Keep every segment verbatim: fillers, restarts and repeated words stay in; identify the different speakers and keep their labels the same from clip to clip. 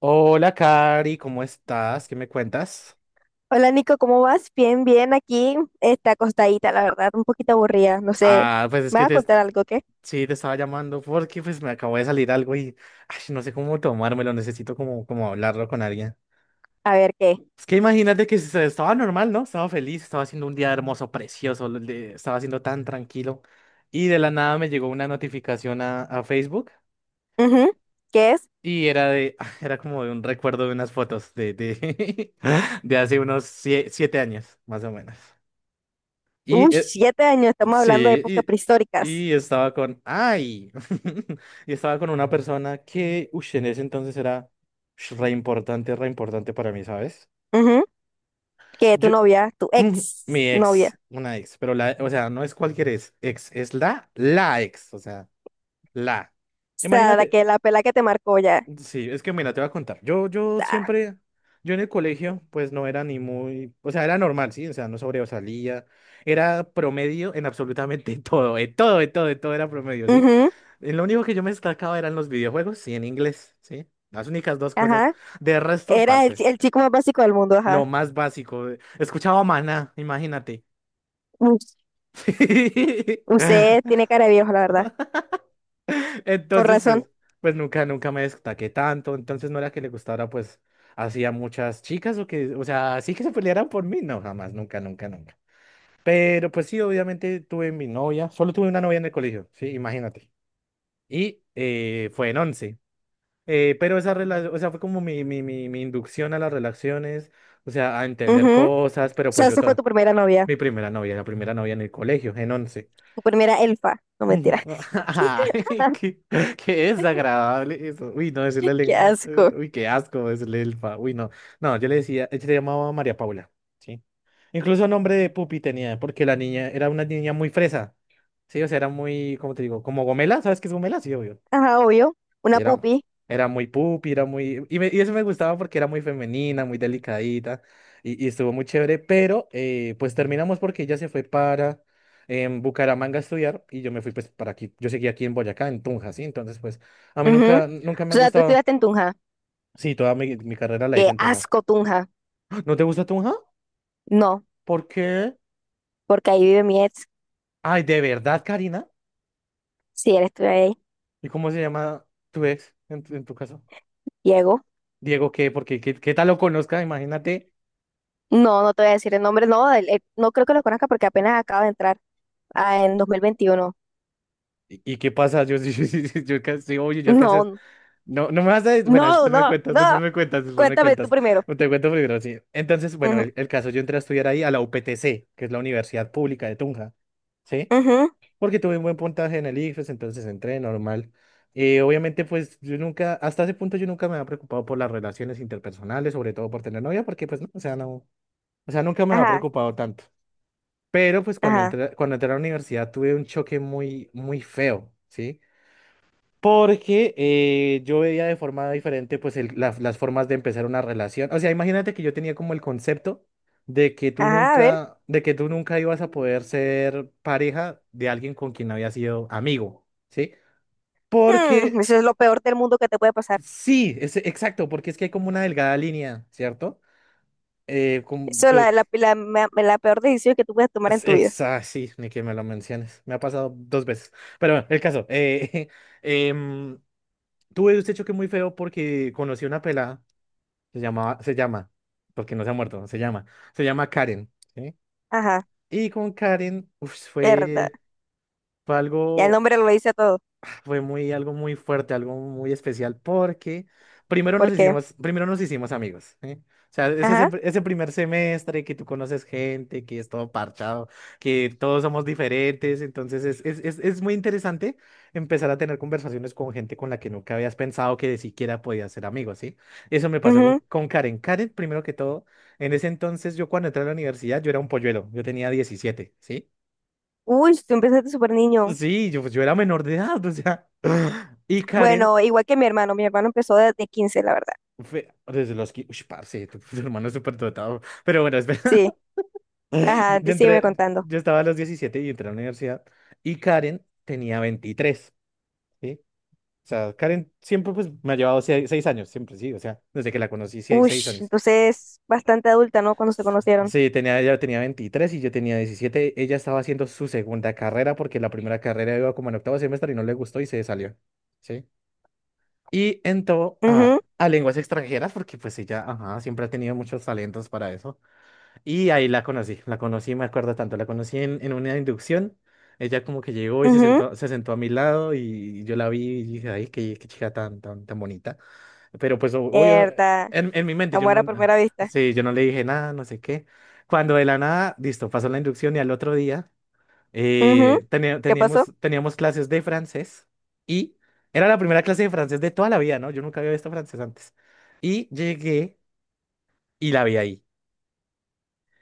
Speaker 1: Hola, Cari, ¿cómo estás? ¿Qué me cuentas?
Speaker 2: Hola Nico, ¿cómo vas? Bien, bien, aquí está acostadita, la verdad, un poquito aburrida, no sé.
Speaker 1: Ah, pues es
Speaker 2: ¿Me
Speaker 1: que
Speaker 2: vas a
Speaker 1: te,
Speaker 2: contar algo qué?
Speaker 1: sí, te estaba llamando porque pues me acabó de salir algo y ay, no sé cómo tomármelo, necesito como, como hablarlo con alguien.
Speaker 2: A ver qué.
Speaker 1: Es que imagínate que se- estaba normal, ¿no? Estaba feliz, estaba haciendo un día hermoso, precioso, lo- de- estaba siendo tan tranquilo y de la nada me llegó una notificación a, a Facebook
Speaker 2: Ujú. ¿Qué es?
Speaker 1: y era de, era como de un recuerdo de unas fotos de, de, de hace unos sie- siete años, más o menos.
Speaker 2: Uy,
Speaker 1: Y eh,
Speaker 2: siete años, estamos hablando de
Speaker 1: sí,
Speaker 2: épocas prehistóricas.
Speaker 1: y, y estaba con, ay, y estaba con una persona que, uy, en ese entonces era ush, re importante, re importante para mí, ¿sabes?
Speaker 2: Ujú. Que tu
Speaker 1: Yo,
Speaker 2: novia, tu
Speaker 1: mm,
Speaker 2: ex
Speaker 1: mi ex,
Speaker 2: novia,
Speaker 1: una ex, pero la, o sea, no es cualquier ex, ex, es la, la ex, o sea, la.
Speaker 2: o sea, la
Speaker 1: Imagínate,
Speaker 2: que la pela que te marcó ya.
Speaker 1: sí, es que mira, te voy a contar. Yo, yo
Speaker 2: Ah,
Speaker 1: siempre, yo en el colegio, pues no era ni muy, o sea, era normal, sí, o sea, no sobresalía, era promedio en absolutamente todo, en todo, en todo, en todo era promedio, sí.
Speaker 2: ujú.
Speaker 1: Eh, Lo único que yo me destacaba eran los videojuegos y en inglés, sí, las únicas dos cosas.
Speaker 2: Ajá,
Speaker 1: De resto,
Speaker 2: era el,
Speaker 1: parce,
Speaker 2: chi- el chico más básico del mundo,
Speaker 1: lo
Speaker 2: ajá.
Speaker 1: más básico, eh, escuchaba Maná, imagínate.
Speaker 2: Uy, usted tiene cara de viejo, la verdad, con
Speaker 1: Entonces, pues,
Speaker 2: razón.
Speaker 1: pues nunca, nunca me destaqué tanto. Entonces no era que le gustara, pues, hacía muchas chicas o que, o sea, sí que se pelearan por mí. No, jamás, nunca, nunca, nunca. Pero pues sí, obviamente tuve mi novia. Solo tuve una novia en el colegio, sí, imagínate. Y eh, fue en once. Eh, pero esa relación, o sea, fue como mi, mi, mi, mi inducción a las relaciones, o sea, a entender
Speaker 2: Ujú. O
Speaker 1: cosas, pero
Speaker 2: sea,
Speaker 1: pues yo
Speaker 2: esa fue tu
Speaker 1: todo.
Speaker 2: primera novia,
Speaker 1: Mi primera novia, la primera novia en el colegio, en once.
Speaker 2: tu primera elfa, no mentira.
Speaker 1: Ujú. Ay, qué, qué, desagradable eso. Uy, no, decirle,
Speaker 2: Qué
Speaker 1: len- eh,
Speaker 2: asco.
Speaker 1: uy, qué asco decirle elfa. Uy, no. No, yo le decía, ella le llamaba María Paula, ¿sí? Incluso nombre de Pupi tenía, porque la niña era una niña muy fresa, ¿sí? O sea, era muy, ¿cómo te digo? Como gomela, ¿sabes qué es gomela? Sí, obvio.
Speaker 2: Ajá, obvio.
Speaker 1: Y
Speaker 2: Una
Speaker 1: Era,
Speaker 2: pupi.
Speaker 1: era muy pupi, era muy... Y, me- y eso me gustaba porque era muy femenina, muy delicadita, y, y estuvo muy chévere, pero eh, pues terminamos porque ella se fue para em, Bucaramanga a estudiar y yo me fui pues para aquí, yo seguí aquí en Boyacá, en Tunja, ¿sí? Entonces pues a mí
Speaker 2: Ujú. O
Speaker 1: nunca, nunca me ha
Speaker 2: sea, tú
Speaker 1: gustado,
Speaker 2: estudiaste en Tunja.
Speaker 1: sí, toda mi, mi carrera la hice
Speaker 2: Qué
Speaker 1: en Tunja.
Speaker 2: asco, Tunja.
Speaker 1: ¡Ah! ¿No te gusta Tunja?
Speaker 2: No,
Speaker 1: ¿Por qué?
Speaker 2: porque ahí vive mi ex.
Speaker 1: Ay, ¿de verdad, Karina?
Speaker 2: Si él estudia ahí,
Speaker 1: ¿Y cómo se llama tu ex en, tu en tu caso?
Speaker 2: Diego.
Speaker 1: Diego, ¿qué? Porque qué, qué tal lo conozca, imagínate.
Speaker 2: No, no te voy a decir el nombre. No, él- él- no creo que lo conozca porque apenas acaba de entrar ah, en dos mil veintiuno.
Speaker 1: ¿Y y qué pasa? Yo, yo, yo, yo yo alcancé- oye, yo alcancé.
Speaker 2: No,
Speaker 1: No, no me vas a. Bueno,
Speaker 2: no,
Speaker 1: después me
Speaker 2: no,
Speaker 1: cuentas, después
Speaker 2: no.
Speaker 1: me cuentas, después me
Speaker 2: Cuéntame tú
Speaker 1: cuentas.
Speaker 2: primero.
Speaker 1: No te cuento primero, sí. Entonces, bueno,
Speaker 2: Ujú,
Speaker 1: el, el caso, yo entré a estudiar ahí a la U P T C, que es la Universidad Pública de Tunja, ¿sí?
Speaker 2: ujú.
Speaker 1: Porque tuve un buen puntaje en el ICFES, entonces entré normal. Eh, obviamente, pues yo nunca, hasta ese punto yo nunca me había preocupado por las relaciones interpersonales, sobre todo por tener novia, porque pues no, o sea, no, o sea, nunca me había
Speaker 2: Ajá,
Speaker 1: preocupado tanto. Pero pues cuando
Speaker 2: ajá,
Speaker 1: entré, cuando entré a la universidad tuve un choque muy, muy feo, ¿sí? Porque eh, yo veía de forma diferente pues el- la- las formas de empezar una relación. O sea, imagínate que yo tenía como el concepto de que tú
Speaker 2: ajá, a ver.
Speaker 1: nunca, de que tú nunca ibas a poder ser pareja de alguien con quien habías sido amigo, ¿sí?
Speaker 2: Hmm,
Speaker 1: Porque
Speaker 2: eso es lo peor del mundo que te puede pasar.
Speaker 1: sí, es, exacto, porque es que hay como una delgada línea, ¿cierto? Eh, como
Speaker 2: Eso es
Speaker 1: que-
Speaker 2: la, la, la, ma- la peor decisión que tú puedes tomar en
Speaker 1: es-
Speaker 2: tu vida.
Speaker 1: exa- sí, ni que me lo menciones. Me ha pasado dos veces. Pero bueno, el caso. Eh, em, tuve un hecho que muy feo porque conocí a una pelada. Se llamaba, se llama, porque no se ha muerto, se llama, se llama Karen, ¿sí?
Speaker 2: Ajá,
Speaker 1: Y con Karen, uf,
Speaker 2: verdad.
Speaker 1: fue, fue
Speaker 2: Ya el
Speaker 1: algo
Speaker 2: nombre lo dice todo.
Speaker 1: fue muy, algo muy fuerte, algo muy especial, porque primero nos
Speaker 2: Porque,
Speaker 1: hicimos, primero nos hicimos amigos, ¿eh? O sea, es ese,
Speaker 2: ajá.
Speaker 1: ese primer semestre que tú conoces gente, que es todo parchado, que todos somos diferentes, entonces es, es, es, es muy interesante empezar a tener conversaciones con gente con la que nunca habías pensado que de siquiera podías ser amigos, ¿sí? Eso me pasó con,
Speaker 2: Ujú.
Speaker 1: con Karen. Karen, primero que todo, en ese entonces yo cuando entré a la universidad yo era un polluelo, yo tenía diecisiete, ¿sí?
Speaker 2: Uy, tú empezaste súper niño.
Speaker 1: Sí, yo, pues, yo era menor de edad, o sea. Y Karen
Speaker 2: Bueno, igual que mi hermano. Mi hermano empezó desde quince, la verdad.
Speaker 1: Fe- desde los que, uy, parce, tu, tu hermano es súper dotado. Pero bueno, espera.
Speaker 2: Sí,
Speaker 1: Yo,
Speaker 2: ajá,
Speaker 1: yo
Speaker 2: te sígueme
Speaker 1: entré,
Speaker 2: contando.
Speaker 1: yo estaba a los diecisiete y entré a la universidad y Karen tenía veintitrés, ¿sí? O sea, Karen siempre pues me ha llevado seis seis años, siempre, sí, o sea, desde que la conocí, seis
Speaker 2: Uy,
Speaker 1: seis años.
Speaker 2: entonces bastante adulta, ¿no? Cuando se conocieron.
Speaker 1: Sí, tenía, ella tenía veintitrés y yo tenía diecisiete. Ella estaba haciendo su segunda carrera porque la primera carrera iba como en octavo semestre y no le gustó y se salió, ¿sí? Y entró a,
Speaker 2: Ujú,
Speaker 1: a lenguas extranjeras porque pues ella, ajá, siempre ha tenido muchos talentos para eso. Y ahí la conocí, la conocí, me acuerdo tanto, la conocí en, en una inducción. Ella como que llegó y se
Speaker 2: ujú.
Speaker 1: sentó, se sentó a mi lado y yo la vi y dije, ay, qué, qué chica tan, tan, tan bonita. Pero pues o- obvio,
Speaker 2: Verdad.
Speaker 1: en, en mi mente yo
Speaker 2: Amor
Speaker 1: no,
Speaker 2: a
Speaker 1: no-
Speaker 2: primera vista.
Speaker 1: sí, yo no le dije nada, no sé qué. Cuando de la nada, listo, pasó la inducción y al otro día
Speaker 2: Ujú.
Speaker 1: eh, teni-
Speaker 2: ¿Qué pasó?
Speaker 1: teníamos, teníamos clases de francés y era la primera clase de francés de toda la vida, ¿no? Yo nunca había visto francés antes. Y llegué y la vi ahí.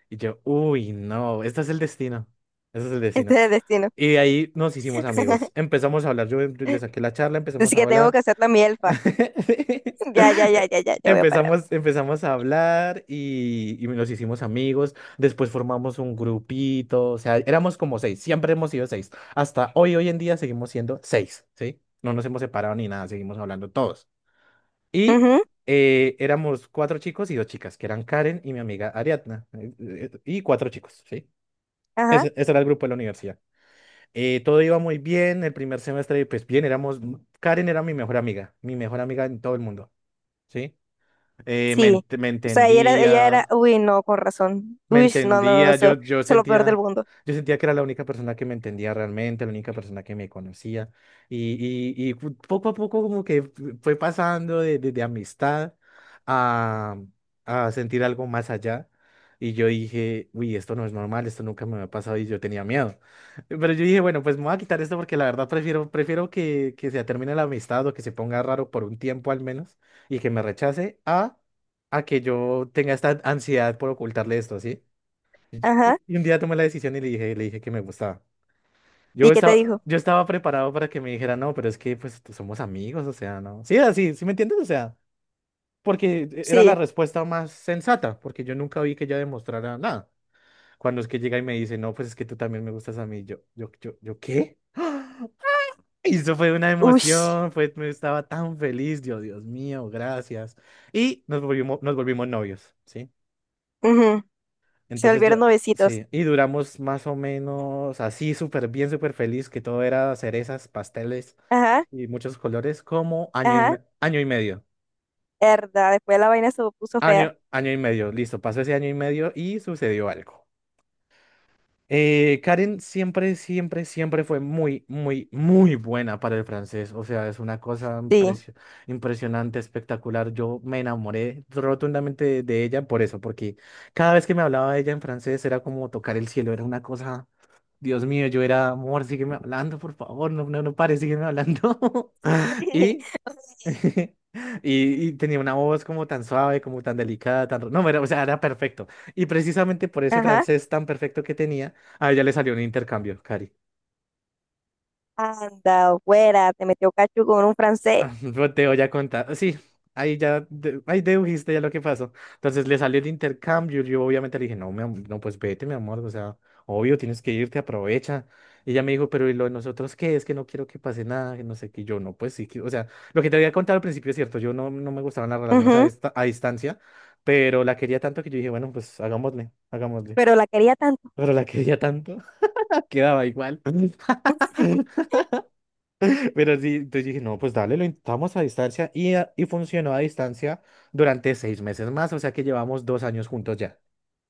Speaker 1: Y yo, uy, no, este es el destino. Este es el
Speaker 2: Este
Speaker 1: destino.
Speaker 2: es el destino.
Speaker 1: Y de ahí nos hicimos amigos. Empezamos a hablar. Yo le saqué la charla, empezamos
Speaker 2: Así
Speaker 1: a
Speaker 2: que tengo que
Speaker 1: hablar.
Speaker 2: hacerla mi elfa. Ya, ya, ya, ya, ya, ya voy a parar.
Speaker 1: Empezamos, empezamos a hablar y, y nos hicimos amigos. Después formamos un grupito. O sea, éramos como seis. Siempre hemos sido seis. Hasta hoy, hoy en día seguimos siendo seis, ¿sí? No nos hemos separado ni nada. Seguimos hablando todos. Y
Speaker 2: Ujú.
Speaker 1: eh, éramos cuatro chicos y dos chicas, que eran Karen y mi amiga Ariadna, eh, eh, eh, y cuatro chicos, ¿sí?
Speaker 2: Ajá,
Speaker 1: Ese, ese era el grupo de la universidad. Eh, todo iba muy bien, el primer semestre, pues bien, éramos, Karen era mi mejor amiga, mi mejor amiga en todo el mundo, ¿sí? Eh, me,
Speaker 2: sí.
Speaker 1: ent- me
Speaker 2: O sea, ella era, ella era,
Speaker 1: entendía,
Speaker 2: uy, no, con razón.
Speaker 1: me
Speaker 2: Uy, no, no, no,
Speaker 1: entendía,
Speaker 2: eso, eso
Speaker 1: yo, yo
Speaker 2: es lo peor del
Speaker 1: sentía,
Speaker 2: mundo.
Speaker 1: yo sentía que era la única persona que me entendía realmente, la única persona que me conocía. Y, y, y fu- Poco a poco como que fue pasando de, de, de amistad a, a sentir algo más allá. Y yo dije, uy, esto no es normal, esto nunca me había pasado y yo tenía miedo. Pero yo dije, bueno, pues me voy a quitar esto porque la verdad prefiero, prefiero que, que, se termine la amistad o que se ponga raro por un tiempo al menos y que me rechace a, a que yo tenga esta ansiedad por ocultarle esto, ¿sí? Y,
Speaker 2: Ajá.
Speaker 1: y- y un día tomé la decisión y le dije, le dije que me gustaba.
Speaker 2: ¿Y
Speaker 1: Yo
Speaker 2: qué te
Speaker 1: estaba,
Speaker 2: dijo?
Speaker 1: yo estaba preparado para que me dijera, no, pero es que pues tú- somos amigos, o sea, no. Sí, así, ¿sí me entiendes? O sea, porque e- era la
Speaker 2: Sí.
Speaker 1: respuesta más sensata, porque yo nunca vi que ella demostrara nada. Cuando es que llega y me dice, no, pues es que tú también me gustas a mí, yo, yo, yo, yo, ¿qué? ¡Ah! Y eso fue una
Speaker 2: Uy.
Speaker 1: emoción, fue, me estaba tan feliz, yo, Dios mío, gracias. Y nos volvimos, nos volvimos novios, ¿sí?
Speaker 2: Ujú. Se
Speaker 1: Entonces
Speaker 2: volvieron
Speaker 1: ya,
Speaker 2: novecitos.
Speaker 1: sí, y duramos más o menos así, súper bien, súper feliz, que todo era cerezas, pasteles
Speaker 2: Ajá,
Speaker 1: y muchos colores, como año y,
Speaker 2: ajá.
Speaker 1: me- año y medio.
Speaker 2: Herda, después la vaina se puso fea.
Speaker 1: Año, año y medio, listo, pasó ese año y medio y sucedió algo. Eh, Karen siempre, siempre, siempre fue muy, muy, muy buena para el francés. O sea, es una cosa
Speaker 2: Sí.
Speaker 1: impresio- impresionante, espectacular. Yo me enamoré rotundamente de de ella por eso, porque cada vez que me hablaba de ella en francés era como tocar el cielo, era una cosa. Dios mío, yo era, amor, sígueme hablando, por favor, no, no, no pares, sígueme hablando. Y, y, y tenía una voz como tan suave, como tan delicada, tan... No, era, o sea, era perfecto. Y precisamente por ese
Speaker 2: Ajá.
Speaker 1: francés tan perfecto que tenía, a ella le salió un intercambio, Cari.
Speaker 2: Anda, fuera, te metió cacho con un francés.
Speaker 1: Ah, no, te voy a contar. Sí, ahí ya, de- ahí dedujiste ya lo que pasó. Entonces le salió el intercambio. Yo obviamente le dije, no, mi am- no, pues vete, mi amor. O sea, obvio, tienes que irte, aprovecha. Y ella me dijo, pero ¿y lo de nosotros qué? Es que no quiero que pase nada, que no sé qué. Y yo no, pues sí, que- o sea, lo que te había contado al principio es cierto. Yo no, no me gustaban las relaciones a,
Speaker 2: Ujú.
Speaker 1: dista- a distancia, pero la quería tanto que yo dije, bueno, pues hagámosle, hagámosle.
Speaker 2: Pero la quería tanto.
Speaker 1: Pero la quería tanto, quedaba igual. Pero sí, entonces dije, no, pues dale, lo intentamos a distancia y, a- y funcionó a distancia durante seis meses más, o sea que llevamos dos años juntos ya,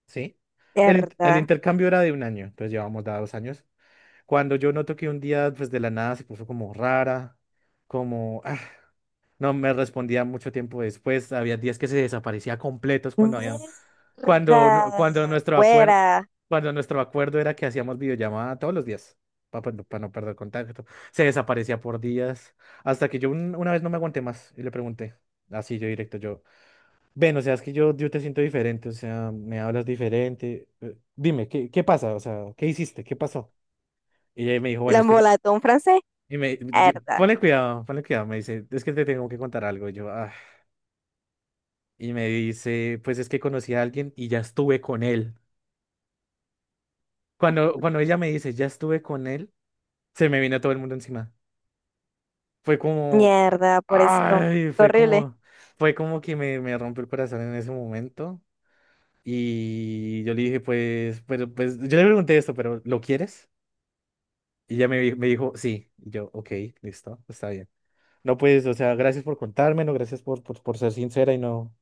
Speaker 1: ¿sí? El, in- el
Speaker 2: Herda.
Speaker 1: intercambio era de un año, entonces llevamos ya dos años. Cuando yo noto que un día, pues de la nada se puso como rara, como, ah, no me respondía mucho tiempo después, había días que se desaparecía completos cuando había, cuando, nu-
Speaker 2: Mierda.
Speaker 1: cuando nuestro acuerdo,
Speaker 2: Fuera.
Speaker 1: cuando nuestro acuerdo era que hacíamos videollamada todos los días, para, no perder contacto. Se desaparecía por días, hasta que yo un- una vez no me aguanté más y le pregunté, así yo directo, yo, ven, o sea, es que yo, yo te siento diferente, o sea, me hablas diferente. eh, Dime, ¿qué, qué pasa? O sea, ¿qué hiciste? ¿Qué pasó? Y ella me dijo,
Speaker 2: La
Speaker 1: bueno, es que... te-.
Speaker 2: embolató un francés.
Speaker 1: Y me, y-
Speaker 2: Herda.
Speaker 1: ponle cuidado, ponle cuidado, me dice, es que te tengo que contar algo. Y yo, "Ah". Y me dice, pues es que conocí a alguien y ya estuve con él. Cuando, cuando ella me dice, ya estuve con él, se me vino todo el mundo encima. Fue como,
Speaker 2: Mierda, pobrecito.
Speaker 1: ay,
Speaker 2: Qué
Speaker 1: fue
Speaker 2: horrible.
Speaker 1: como, fue como que me, me rompió el corazón en ese momento. Y yo le dije, pues, pero, pues, yo le pregunté esto, pero ¿lo quieres? Y ella me, di- me dijo, sí. Y yo, ok, listo, está bien. No, pues, o sea, gracias por contármelo, gracias por, por, por ser sincera y no,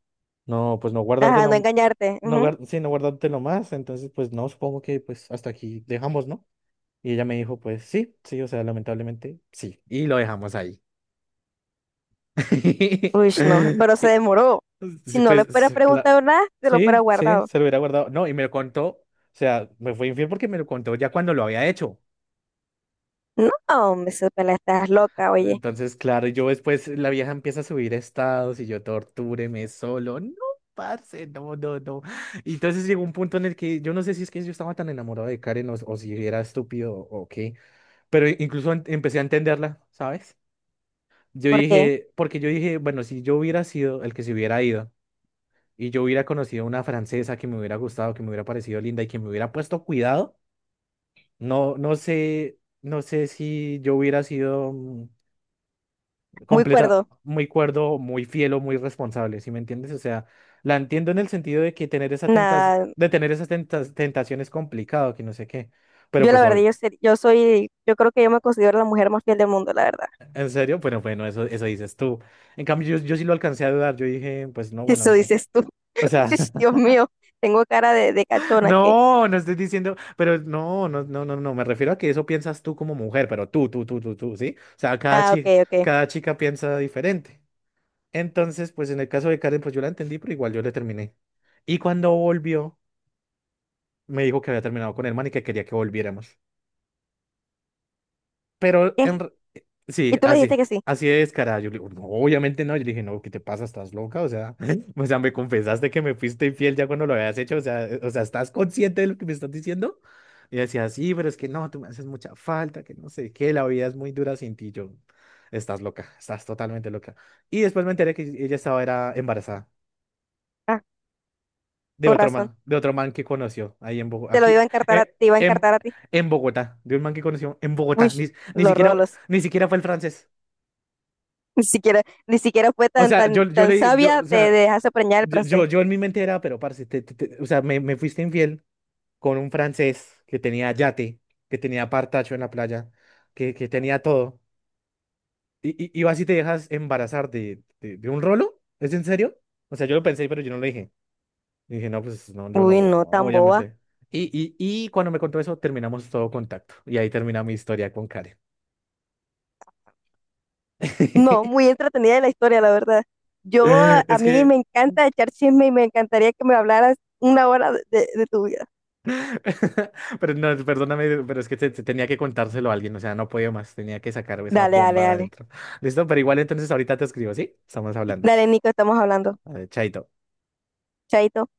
Speaker 1: no, pues no
Speaker 2: Ajá, no
Speaker 1: guardártelo,
Speaker 2: engañarte.
Speaker 1: no,
Speaker 2: Ujú.
Speaker 1: guard sí, no guardártelo más. Entonces, pues, no, supongo que, pues, hasta aquí dejamos, ¿no? Y ella me dijo, pues sí, sí, o sea, lamentablemente sí. Y lo dejamos ahí.
Speaker 2: Uy, no. Pero se
Speaker 1: Y,
Speaker 2: demoró. Si
Speaker 1: sí,
Speaker 2: no le
Speaker 1: pues,
Speaker 2: fuera
Speaker 1: sí, cla-
Speaker 2: preguntado nada, se lo fuera
Speaker 1: sí, sí,
Speaker 2: guardado.
Speaker 1: se lo hubiera guardado. No, y me lo contó, o sea, me fue infiel porque me lo contó ya cuando lo había hecho.
Speaker 2: No, hombre, Isabela, estás loca, oye.
Speaker 1: Entonces, claro, yo después la vieja empieza a subir estados y yo tortúreme solo. No, parce, no, no, no. Y entonces llegó un punto en el que yo no sé si es que yo estaba tan enamorado de Karen o, o si era estúpido o qué, pero incluso en- empecé a entenderla, ¿sabes? Yo
Speaker 2: ¿Por qué?
Speaker 1: dije, porque yo dije, bueno, si yo hubiera sido el que se hubiera ido y yo hubiera conocido una francesa que me hubiera gustado, que me hubiera parecido linda y que me hubiera puesto cuidado, no, no sé, no sé si yo hubiera sido mm,
Speaker 2: Muy
Speaker 1: completa,
Speaker 2: cuerdo.
Speaker 1: muy cuerdo, muy fiel o muy responsable, ¿sí me entiendes? O sea, la entiendo en el sentido de que tener esa tentas,
Speaker 2: Nada,
Speaker 1: de tener esas tentas- tentación es complicado, que no sé qué. Pero
Speaker 2: yo la
Speaker 1: pues
Speaker 2: verdad,
Speaker 1: obvio,
Speaker 2: yo, ser- yo soy, yo creo que yo me considero la mujer más fiel del mundo, la verdad.
Speaker 1: en serio, bueno, bueno, eso, eso dices tú. En cambio, yo, yo sí lo alcancé a dudar, yo dije, pues no, bueno,
Speaker 2: Eso
Speaker 1: no.
Speaker 2: dices tú.
Speaker 1: O sea,
Speaker 2: Dios mío, tengo cara de, de cachona que.
Speaker 1: no, no estoy diciendo, pero no, no, no, no, no, me refiero a que eso piensas tú como mujer, pero tú, tú, tú, tú, tú, ¿sí? O sea, cada
Speaker 2: Ah, ok,
Speaker 1: chica,
Speaker 2: ok.
Speaker 1: cada chica piensa diferente. Entonces, pues en el caso de Karen, pues yo la entendí, pero igual yo le terminé. Y cuando volvió, me dijo que había terminado con el man y que quería que volviéramos. Pero
Speaker 2: ¿Qué?
Speaker 1: en,
Speaker 2: Y
Speaker 1: Sí,
Speaker 2: tú le
Speaker 1: así,
Speaker 2: dijiste que sí.
Speaker 1: así de descarada. Yo le digo, no, obviamente no. Yo le dije, no, ¿qué te pasa? ¿Estás loca? O sea, o sea, me confesaste que me fuiste infiel ya cuando lo habías hecho. O sea, eh, o sea, ¿estás consciente de lo que me estás diciendo? Y decía, sí, pero es que no, tú me haces mucha falta, que no sé qué, la vida es muy dura sin ti. Yo, estás loca, estás totalmente loca. Y después me enteré que ella estaba era embarazada
Speaker 2: Ah,
Speaker 1: de
Speaker 2: con
Speaker 1: otro
Speaker 2: razón.
Speaker 1: man, de otro man que conoció ahí en Bogotá,
Speaker 2: Te lo
Speaker 1: aquí,
Speaker 2: iba
Speaker 1: eh,
Speaker 2: a encartar a,
Speaker 1: eh,
Speaker 2: te iba a
Speaker 1: en,
Speaker 2: encartar a ti.
Speaker 1: en Bogotá, de un man que conoció en
Speaker 2: Uy,
Speaker 1: Bogotá. Ni, ni
Speaker 2: los
Speaker 1: siquiera,
Speaker 2: rolos.
Speaker 1: ni siquiera fue el francés.
Speaker 2: Ni siquiera, ni siquiera fue
Speaker 1: O
Speaker 2: tan,
Speaker 1: sea,
Speaker 2: tan,
Speaker 1: yo, yo
Speaker 2: tan
Speaker 1: le, yo,
Speaker 2: sabia
Speaker 1: o
Speaker 2: de, de
Speaker 1: sea,
Speaker 2: dejarse preñar el
Speaker 1: yo,
Speaker 2: francés.
Speaker 1: yo, yo en mi mente era, pero parce, te- te- te- o sea, me, me fuiste infiel con un francés que tenía yate, que tenía partacho en la playa, que, que tenía todo. Y, y, y vas y te dejas embarazar de, de, de un rolo, ¿es en serio? O sea, yo lo pensé, pero yo no lo dije. Y dije, no, pues no, yo no,
Speaker 2: Uy, no, tan boba.
Speaker 1: obviamente. Y, y, y cuando me contó eso, terminamos todo contacto. Y ahí termina mi historia con Karen.
Speaker 2: No, muy entretenida la historia, la verdad. Yo, a a
Speaker 1: Es
Speaker 2: mí
Speaker 1: que
Speaker 2: me encanta echar chisme y me encantaría que me hablaras una hora de, de de tu vida.
Speaker 1: Pero no, perdóname, pero es que te- te tenía que contárselo a alguien, o sea, no podía más, tenía que sacar esa
Speaker 2: Dale, dale,
Speaker 1: bomba de
Speaker 2: dale.
Speaker 1: adentro. Listo, pero igual entonces ahorita te escribo, ¿sí? Estamos hablando.
Speaker 2: Dale, Nico, estamos hablando.
Speaker 1: A chaito.
Speaker 2: Chaito.